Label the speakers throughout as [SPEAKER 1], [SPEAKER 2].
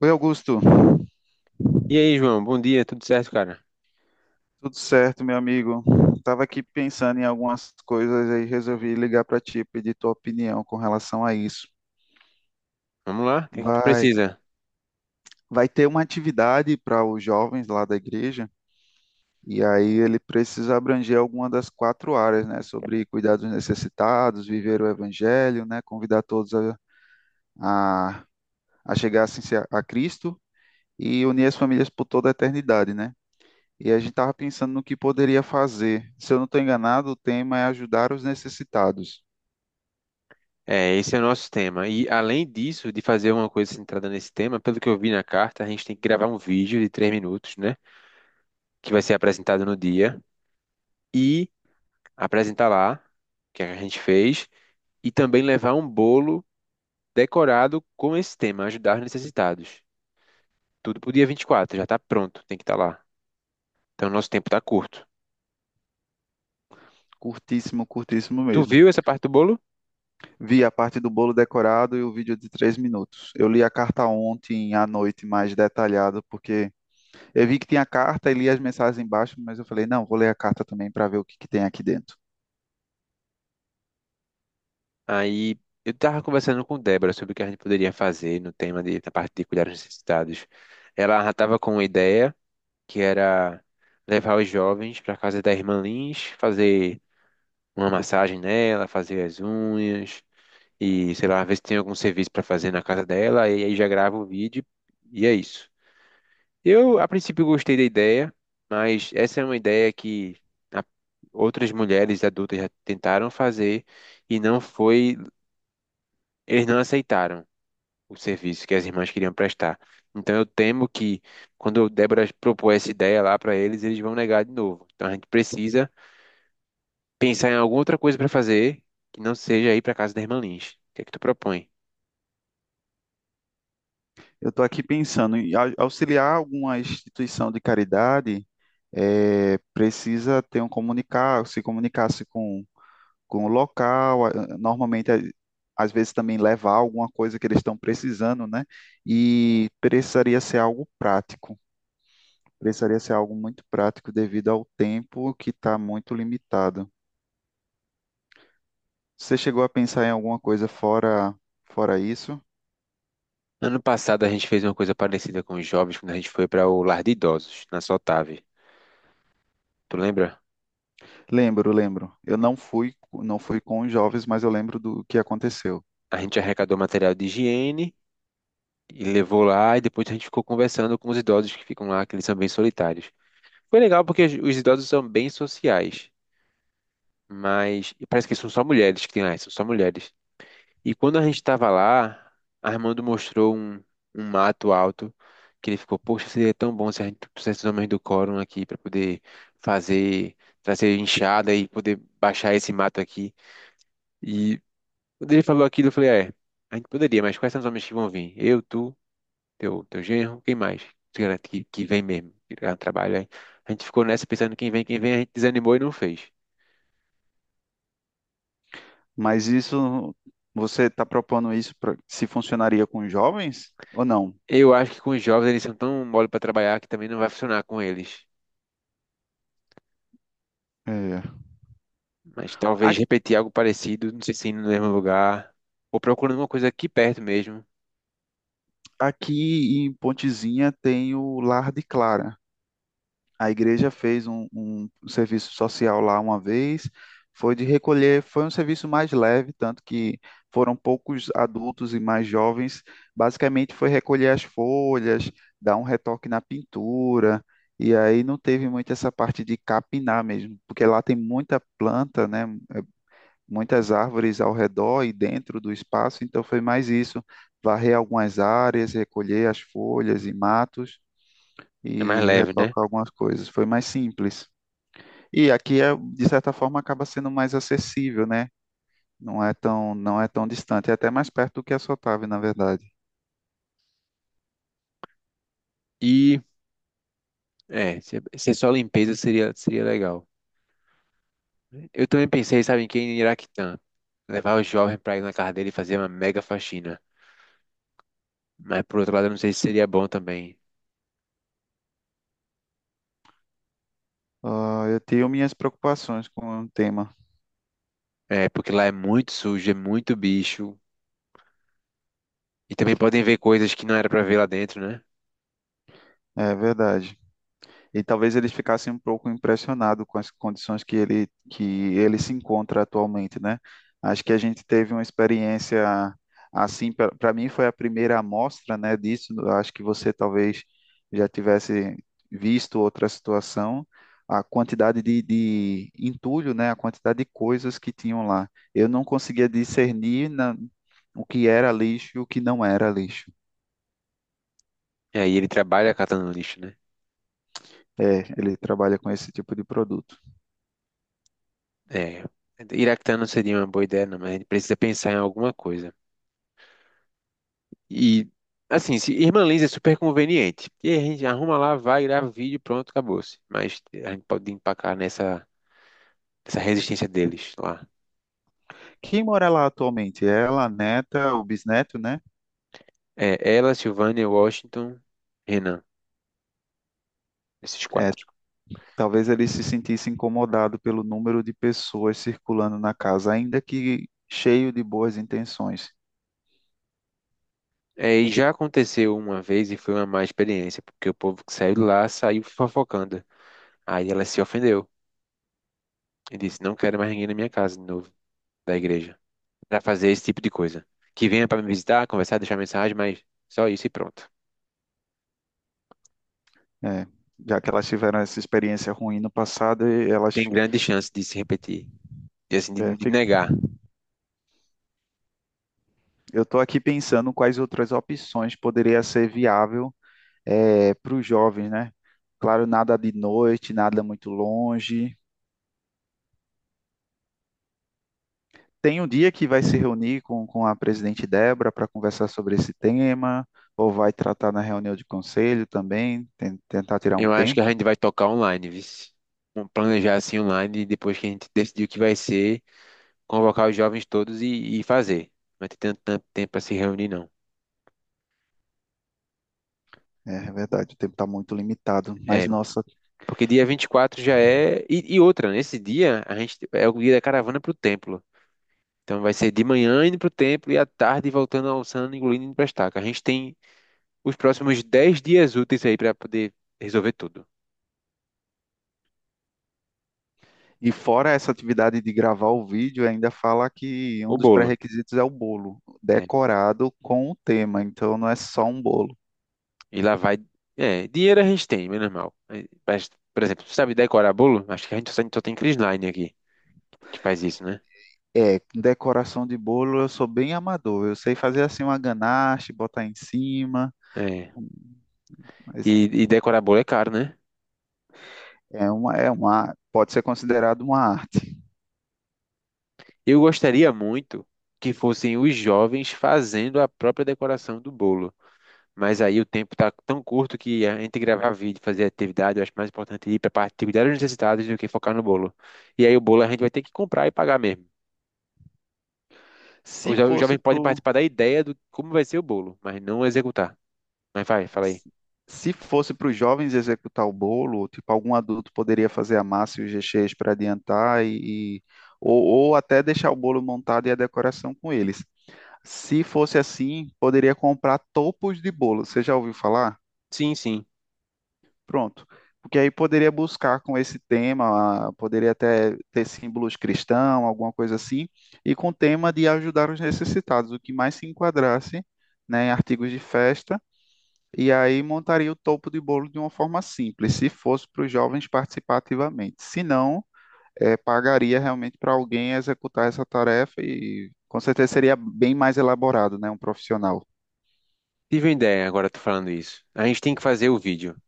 [SPEAKER 1] Oi, Augusto.
[SPEAKER 2] E aí, João, bom dia, tudo certo, cara?
[SPEAKER 1] Tudo certo, meu amigo? Tava aqui pensando em algumas coisas e resolvi ligar para ti, pedir tua opinião com relação a isso.
[SPEAKER 2] Vamos lá, o que é que tu
[SPEAKER 1] Vai,
[SPEAKER 2] precisa?
[SPEAKER 1] vai ter uma atividade para os jovens lá da igreja, e aí ele precisa abranger alguma das quatro áreas, né? Sobre cuidar dos necessitados, viver o evangelho, né? Convidar todos a, a chegar assim, a Cristo e unir as famílias por toda a eternidade, né? E a gente estava pensando no que poderia fazer. Se eu não estou enganado, o tema é ajudar os necessitados.
[SPEAKER 2] É, esse é o nosso tema. E além disso, de fazer uma coisa centrada nesse tema, pelo que eu vi na carta, a gente tem que gravar um vídeo de 3 minutos, né? Que vai ser apresentado no dia e apresentar lá o que a gente fez e também levar um bolo decorado com esse tema, ajudar os necessitados. Tudo pro dia 24. Já tá pronto, tem que estar lá. Então, nosso tempo tá curto.
[SPEAKER 1] Curtíssimo, curtíssimo
[SPEAKER 2] Tu
[SPEAKER 1] mesmo.
[SPEAKER 2] viu essa parte do bolo?
[SPEAKER 1] Vi a parte do bolo decorado e o vídeo de 3 minutos. Eu li a carta ontem à noite mais detalhada, porque eu vi que tinha a carta e li as mensagens embaixo, mas eu falei, não, vou ler a carta também para ver o que que tem aqui dentro.
[SPEAKER 2] Aí eu estava conversando com Débora sobre o que a gente poderia fazer no tema da parte de cuidar dos necessitados. Ela já estava com uma ideia que era levar os jovens para casa da irmã Lins, fazer uma massagem nela, fazer as unhas e sei lá, ver se tem algum serviço para fazer na casa dela. E aí já grava o vídeo e é isso. Eu a princípio gostei da ideia, mas essa é uma ideia que a- outras mulheres adultas já tentaram fazer e não foi, eles não aceitaram o serviço que as irmãs queriam prestar. Então eu temo que quando Débora propor essa ideia lá para eles, eles vão negar de novo. Então a gente precisa pensar em alguma outra coisa para fazer que não seja ir para casa da irmã Lins. O que é que tu propõe?
[SPEAKER 1] Eu estou aqui pensando em auxiliar alguma instituição de caridade, precisa ter um comunicar, se comunicasse com o local, normalmente às vezes também levar alguma coisa que eles estão precisando, né? E precisaria ser algo prático, precisaria ser algo muito prático devido ao tempo que está muito limitado. Você chegou a pensar em alguma coisa fora isso?
[SPEAKER 2] Ano passado a gente fez uma coisa parecida com os jovens quando a gente foi para o lar de idosos, na Sotave. Tu lembra?
[SPEAKER 1] Lembro, lembro. Eu não fui com os jovens, mas eu lembro do que aconteceu.
[SPEAKER 2] A gente arrecadou material de higiene e levou lá e depois a gente ficou conversando com os idosos que ficam lá, que eles são bem solitários. Foi legal porque os idosos são bem sociais. Mas e parece que são só mulheres que tem lá, são só mulheres. E quando a gente estava lá, Armando mostrou um, mato alto que ele ficou, poxa, seria tão bom se a gente trouxesse os homens do quórum aqui para poder fazer, trazer enxada e poder baixar esse mato aqui. E quando ele falou aquilo, eu falei, é, a gente poderia, mas quais são os homens que vão vir? Eu, tu, teu genro, quem mais? Tu garante que vem mesmo, que dá um trabalho aí. A gente ficou nessa pensando quem vem, a gente desanimou e não fez.
[SPEAKER 1] Mas isso você está propondo isso pra, se funcionaria com os jovens ou não?
[SPEAKER 2] Eu acho que com os jovens eles são tão mole para trabalhar que também não vai funcionar com eles.
[SPEAKER 1] É.
[SPEAKER 2] Mas talvez repetir algo parecido, não sei se indo no mesmo lugar, ou procurando uma coisa aqui perto mesmo,
[SPEAKER 1] Aqui em Pontezinha tem o Lar de Clara. A igreja fez um serviço social lá uma vez, foi de recolher, foi um serviço mais leve, tanto que foram poucos adultos e mais jovens. Basicamente foi recolher as folhas, dar um retoque na pintura, e aí não teve muito essa parte de capinar mesmo, porque lá tem muita planta, né? Muitas árvores ao redor e dentro do espaço, então foi mais isso, varrer algumas áreas, recolher as folhas e matos
[SPEAKER 2] é mais
[SPEAKER 1] e
[SPEAKER 2] leve, né?
[SPEAKER 1] retocar algumas coisas, foi mais simples. E aqui é, de certa forma acaba sendo mais acessível, né? Não é tão distante, é até mais perto do que a Sotave, na verdade.
[SPEAKER 2] E se é só limpeza seria, legal. Eu também pensei, sabe, em quem? Em Iraquitã. Levar o jovem para ir na casa dele e fazer uma mega faxina. Mas, por outro lado, eu não sei se seria bom também.
[SPEAKER 1] Ah, eu tenho minhas preocupações com o tema,
[SPEAKER 2] É, porque lá é muito sujo, é muito bicho. E também podem ver coisas que não era para ver lá dentro, né?
[SPEAKER 1] é verdade. E talvez eles ficassem um pouco impressionados com as condições que ele se encontra atualmente, né? Acho que a gente teve uma experiência assim, para mim foi a primeira amostra, né, disso. Acho que você talvez já tivesse visto outra situação, a quantidade de entulho, né, a quantidade de coisas que tinham lá. Eu não conseguia discernir o que era lixo e o que não era lixo.
[SPEAKER 2] E aí ele trabalha catando lixo, né?
[SPEAKER 1] É, ele trabalha com esse tipo de produto.
[SPEAKER 2] É, Iraquitã não seria uma boa ideia, não, mas a gente precisa pensar em alguma coisa. E, assim, se Irmã Liz é super conveniente. E a gente arruma lá, vai gravar vídeo, pronto, acabou-se. Mas a gente pode empacar nessa resistência deles lá.
[SPEAKER 1] Quem mora lá atualmente? É ela, a neta, o bisneto, né?
[SPEAKER 2] É ela, Silvânia, Washington, Renan, esses
[SPEAKER 1] É,
[SPEAKER 2] quatro.
[SPEAKER 1] talvez ele se sentisse incomodado pelo número de pessoas circulando na casa, ainda que cheio de boas intenções.
[SPEAKER 2] É, e já aconteceu uma vez e foi uma má experiência, porque o povo que saiu de lá saiu fofocando. Aí ela se ofendeu e disse: Não quero mais ninguém na minha casa de novo, da igreja, para fazer esse tipo de coisa. Que venha para me visitar, conversar, deixar mensagem, mas só isso e pronto.
[SPEAKER 1] É, já que elas tiveram essa experiência ruim no passado, e elas,
[SPEAKER 2] Tem grande chance de se repetir, de, assim,
[SPEAKER 1] é,
[SPEAKER 2] de
[SPEAKER 1] fi-
[SPEAKER 2] negar.
[SPEAKER 1] eu estou aqui pensando quais outras opções poderia ser viável para os jovens, né? Claro, nada de noite, nada muito longe. Tem um dia que vai se reunir com a presidente Débora para conversar sobre esse tema, ou vai tratar na reunião de conselho também, tentar tirar um
[SPEAKER 2] Eu acho que
[SPEAKER 1] tempo.
[SPEAKER 2] a gente vai tocar online, viu? Vamos planejar assim online, e depois que a gente decidir o que vai ser, convocar os jovens todos e fazer. Não vai ter tanto, tanto tempo para se reunir, não.
[SPEAKER 1] É, é verdade, o tempo está muito limitado.
[SPEAKER 2] É,
[SPEAKER 1] Mas, nossa,
[SPEAKER 2] porque dia 24 já é. E outra, nesse dia a gente é o dia da caravana pro templo. Então vai ser de manhã indo pro templo e à tarde voltando almoçando, engolindo indo pra estaca. A gente tem os próximos 10 dias úteis aí pra poder resolver tudo.
[SPEAKER 1] e fora essa atividade de gravar o vídeo, ainda fala que
[SPEAKER 2] O
[SPEAKER 1] um dos
[SPEAKER 2] bolo.
[SPEAKER 1] pré-requisitos é o bolo,
[SPEAKER 2] É.
[SPEAKER 1] decorado com o tema. Então, não é só um bolo.
[SPEAKER 2] E lá vai. É, dinheiro a gente tem, menos mal. É, mas, por exemplo, sabe decorar bolo? Acho que a gente só tem Crisline aqui que faz isso, né?
[SPEAKER 1] É, com decoração de bolo eu sou bem amador. Eu sei fazer assim uma ganache, botar em cima,
[SPEAKER 2] É.
[SPEAKER 1] mas
[SPEAKER 2] E, e decorar bolo é caro, né?
[SPEAKER 1] é uma, pode ser considerado uma arte.
[SPEAKER 2] Eu gostaria muito que fossem os jovens fazendo a própria decoração do bolo. Mas aí o tempo tá tão curto que a gente gravar vídeo, fazer atividade, eu acho mais importante ir para atividades necessitadas do que focar no bolo. E aí o bolo a gente vai ter que comprar e pagar mesmo. O
[SPEAKER 1] Se
[SPEAKER 2] jo- o
[SPEAKER 1] fosse
[SPEAKER 2] jovem pode
[SPEAKER 1] pro,
[SPEAKER 2] participar da ideia do como vai ser o bolo, mas não executar. Mas vai, fala aí.
[SPEAKER 1] Se fosse para os jovens executar o bolo, tipo algum adulto poderia fazer a massa e os recheios para adiantar ou até deixar o bolo montado e a decoração com eles. Se fosse assim, poderia comprar topos de bolo. Você já ouviu falar?
[SPEAKER 2] Sim, sim.
[SPEAKER 1] Pronto. Porque aí poderia buscar com esse tema, poderia até ter símbolos cristãos, alguma coisa assim, e com o tema de ajudar os necessitados, o que mais se enquadrasse, né, em artigos de festa, e aí montaria o topo de bolo de uma forma simples, se fosse para os jovens participar ativamente. Se não, pagaria realmente para alguém executar essa tarefa e com certeza seria bem mais elaborado, né, um profissional.
[SPEAKER 2] Tive uma ideia agora, tô falando isso. A gente tem que fazer o vídeo.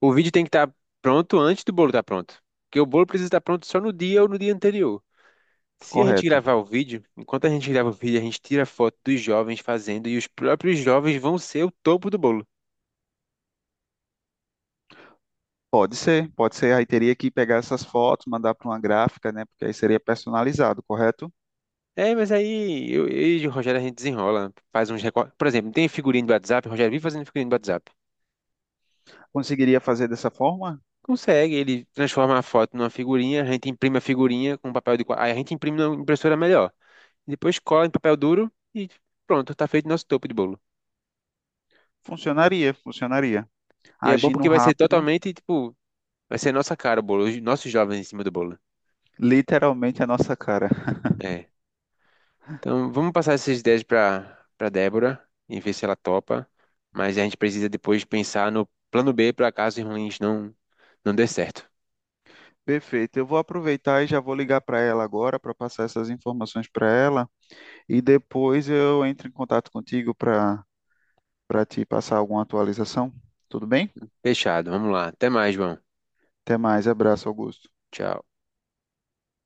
[SPEAKER 2] O vídeo tem que estar pronto antes do bolo estar pronto. Porque o bolo precisa estar pronto só no dia ou no dia anterior. Se a gente
[SPEAKER 1] Correto.
[SPEAKER 2] gravar o vídeo, enquanto a gente grava o vídeo, a gente tira foto dos jovens fazendo e os próprios jovens vão ser o topo do bolo.
[SPEAKER 1] Pode ser, pode ser. Aí teria que pegar essas fotos, mandar para uma gráfica, né? Porque aí seria personalizado, correto?
[SPEAKER 2] É, mas aí eu, e o Rogério a gente desenrola, faz uns recortes. Por exemplo, tem figurinha do WhatsApp, o Rogério vive fazendo figurinha do WhatsApp.
[SPEAKER 1] Conseguiria fazer dessa forma?
[SPEAKER 2] Consegue, ele transforma a foto numa figurinha, a gente imprime a figurinha com papel Aí a gente imprime na impressora melhor. Depois cola em papel duro e pronto, tá feito nosso topo de bolo.
[SPEAKER 1] Funcionaria, funcionaria.
[SPEAKER 2] E é bom
[SPEAKER 1] Agindo
[SPEAKER 2] porque vai ser
[SPEAKER 1] rápido,
[SPEAKER 2] totalmente, tipo, vai ser nossa cara o bolo, os nossos jovens em cima do bolo.
[SPEAKER 1] literalmente a nossa cara.
[SPEAKER 2] É. Então vamos passar essas ideias pra, Débora e ver se ela topa. Mas a gente precisa depois pensar no plano B para caso ruins não dê certo.
[SPEAKER 1] Perfeito. Eu vou aproveitar e já vou ligar para ela agora para passar essas informações para ela e depois eu entro em contato contigo para para te passar alguma atualização. Tudo bem?
[SPEAKER 2] Fechado, vamos lá. Até mais, João.
[SPEAKER 1] Até mais. Abraço, Augusto.
[SPEAKER 2] Tchau.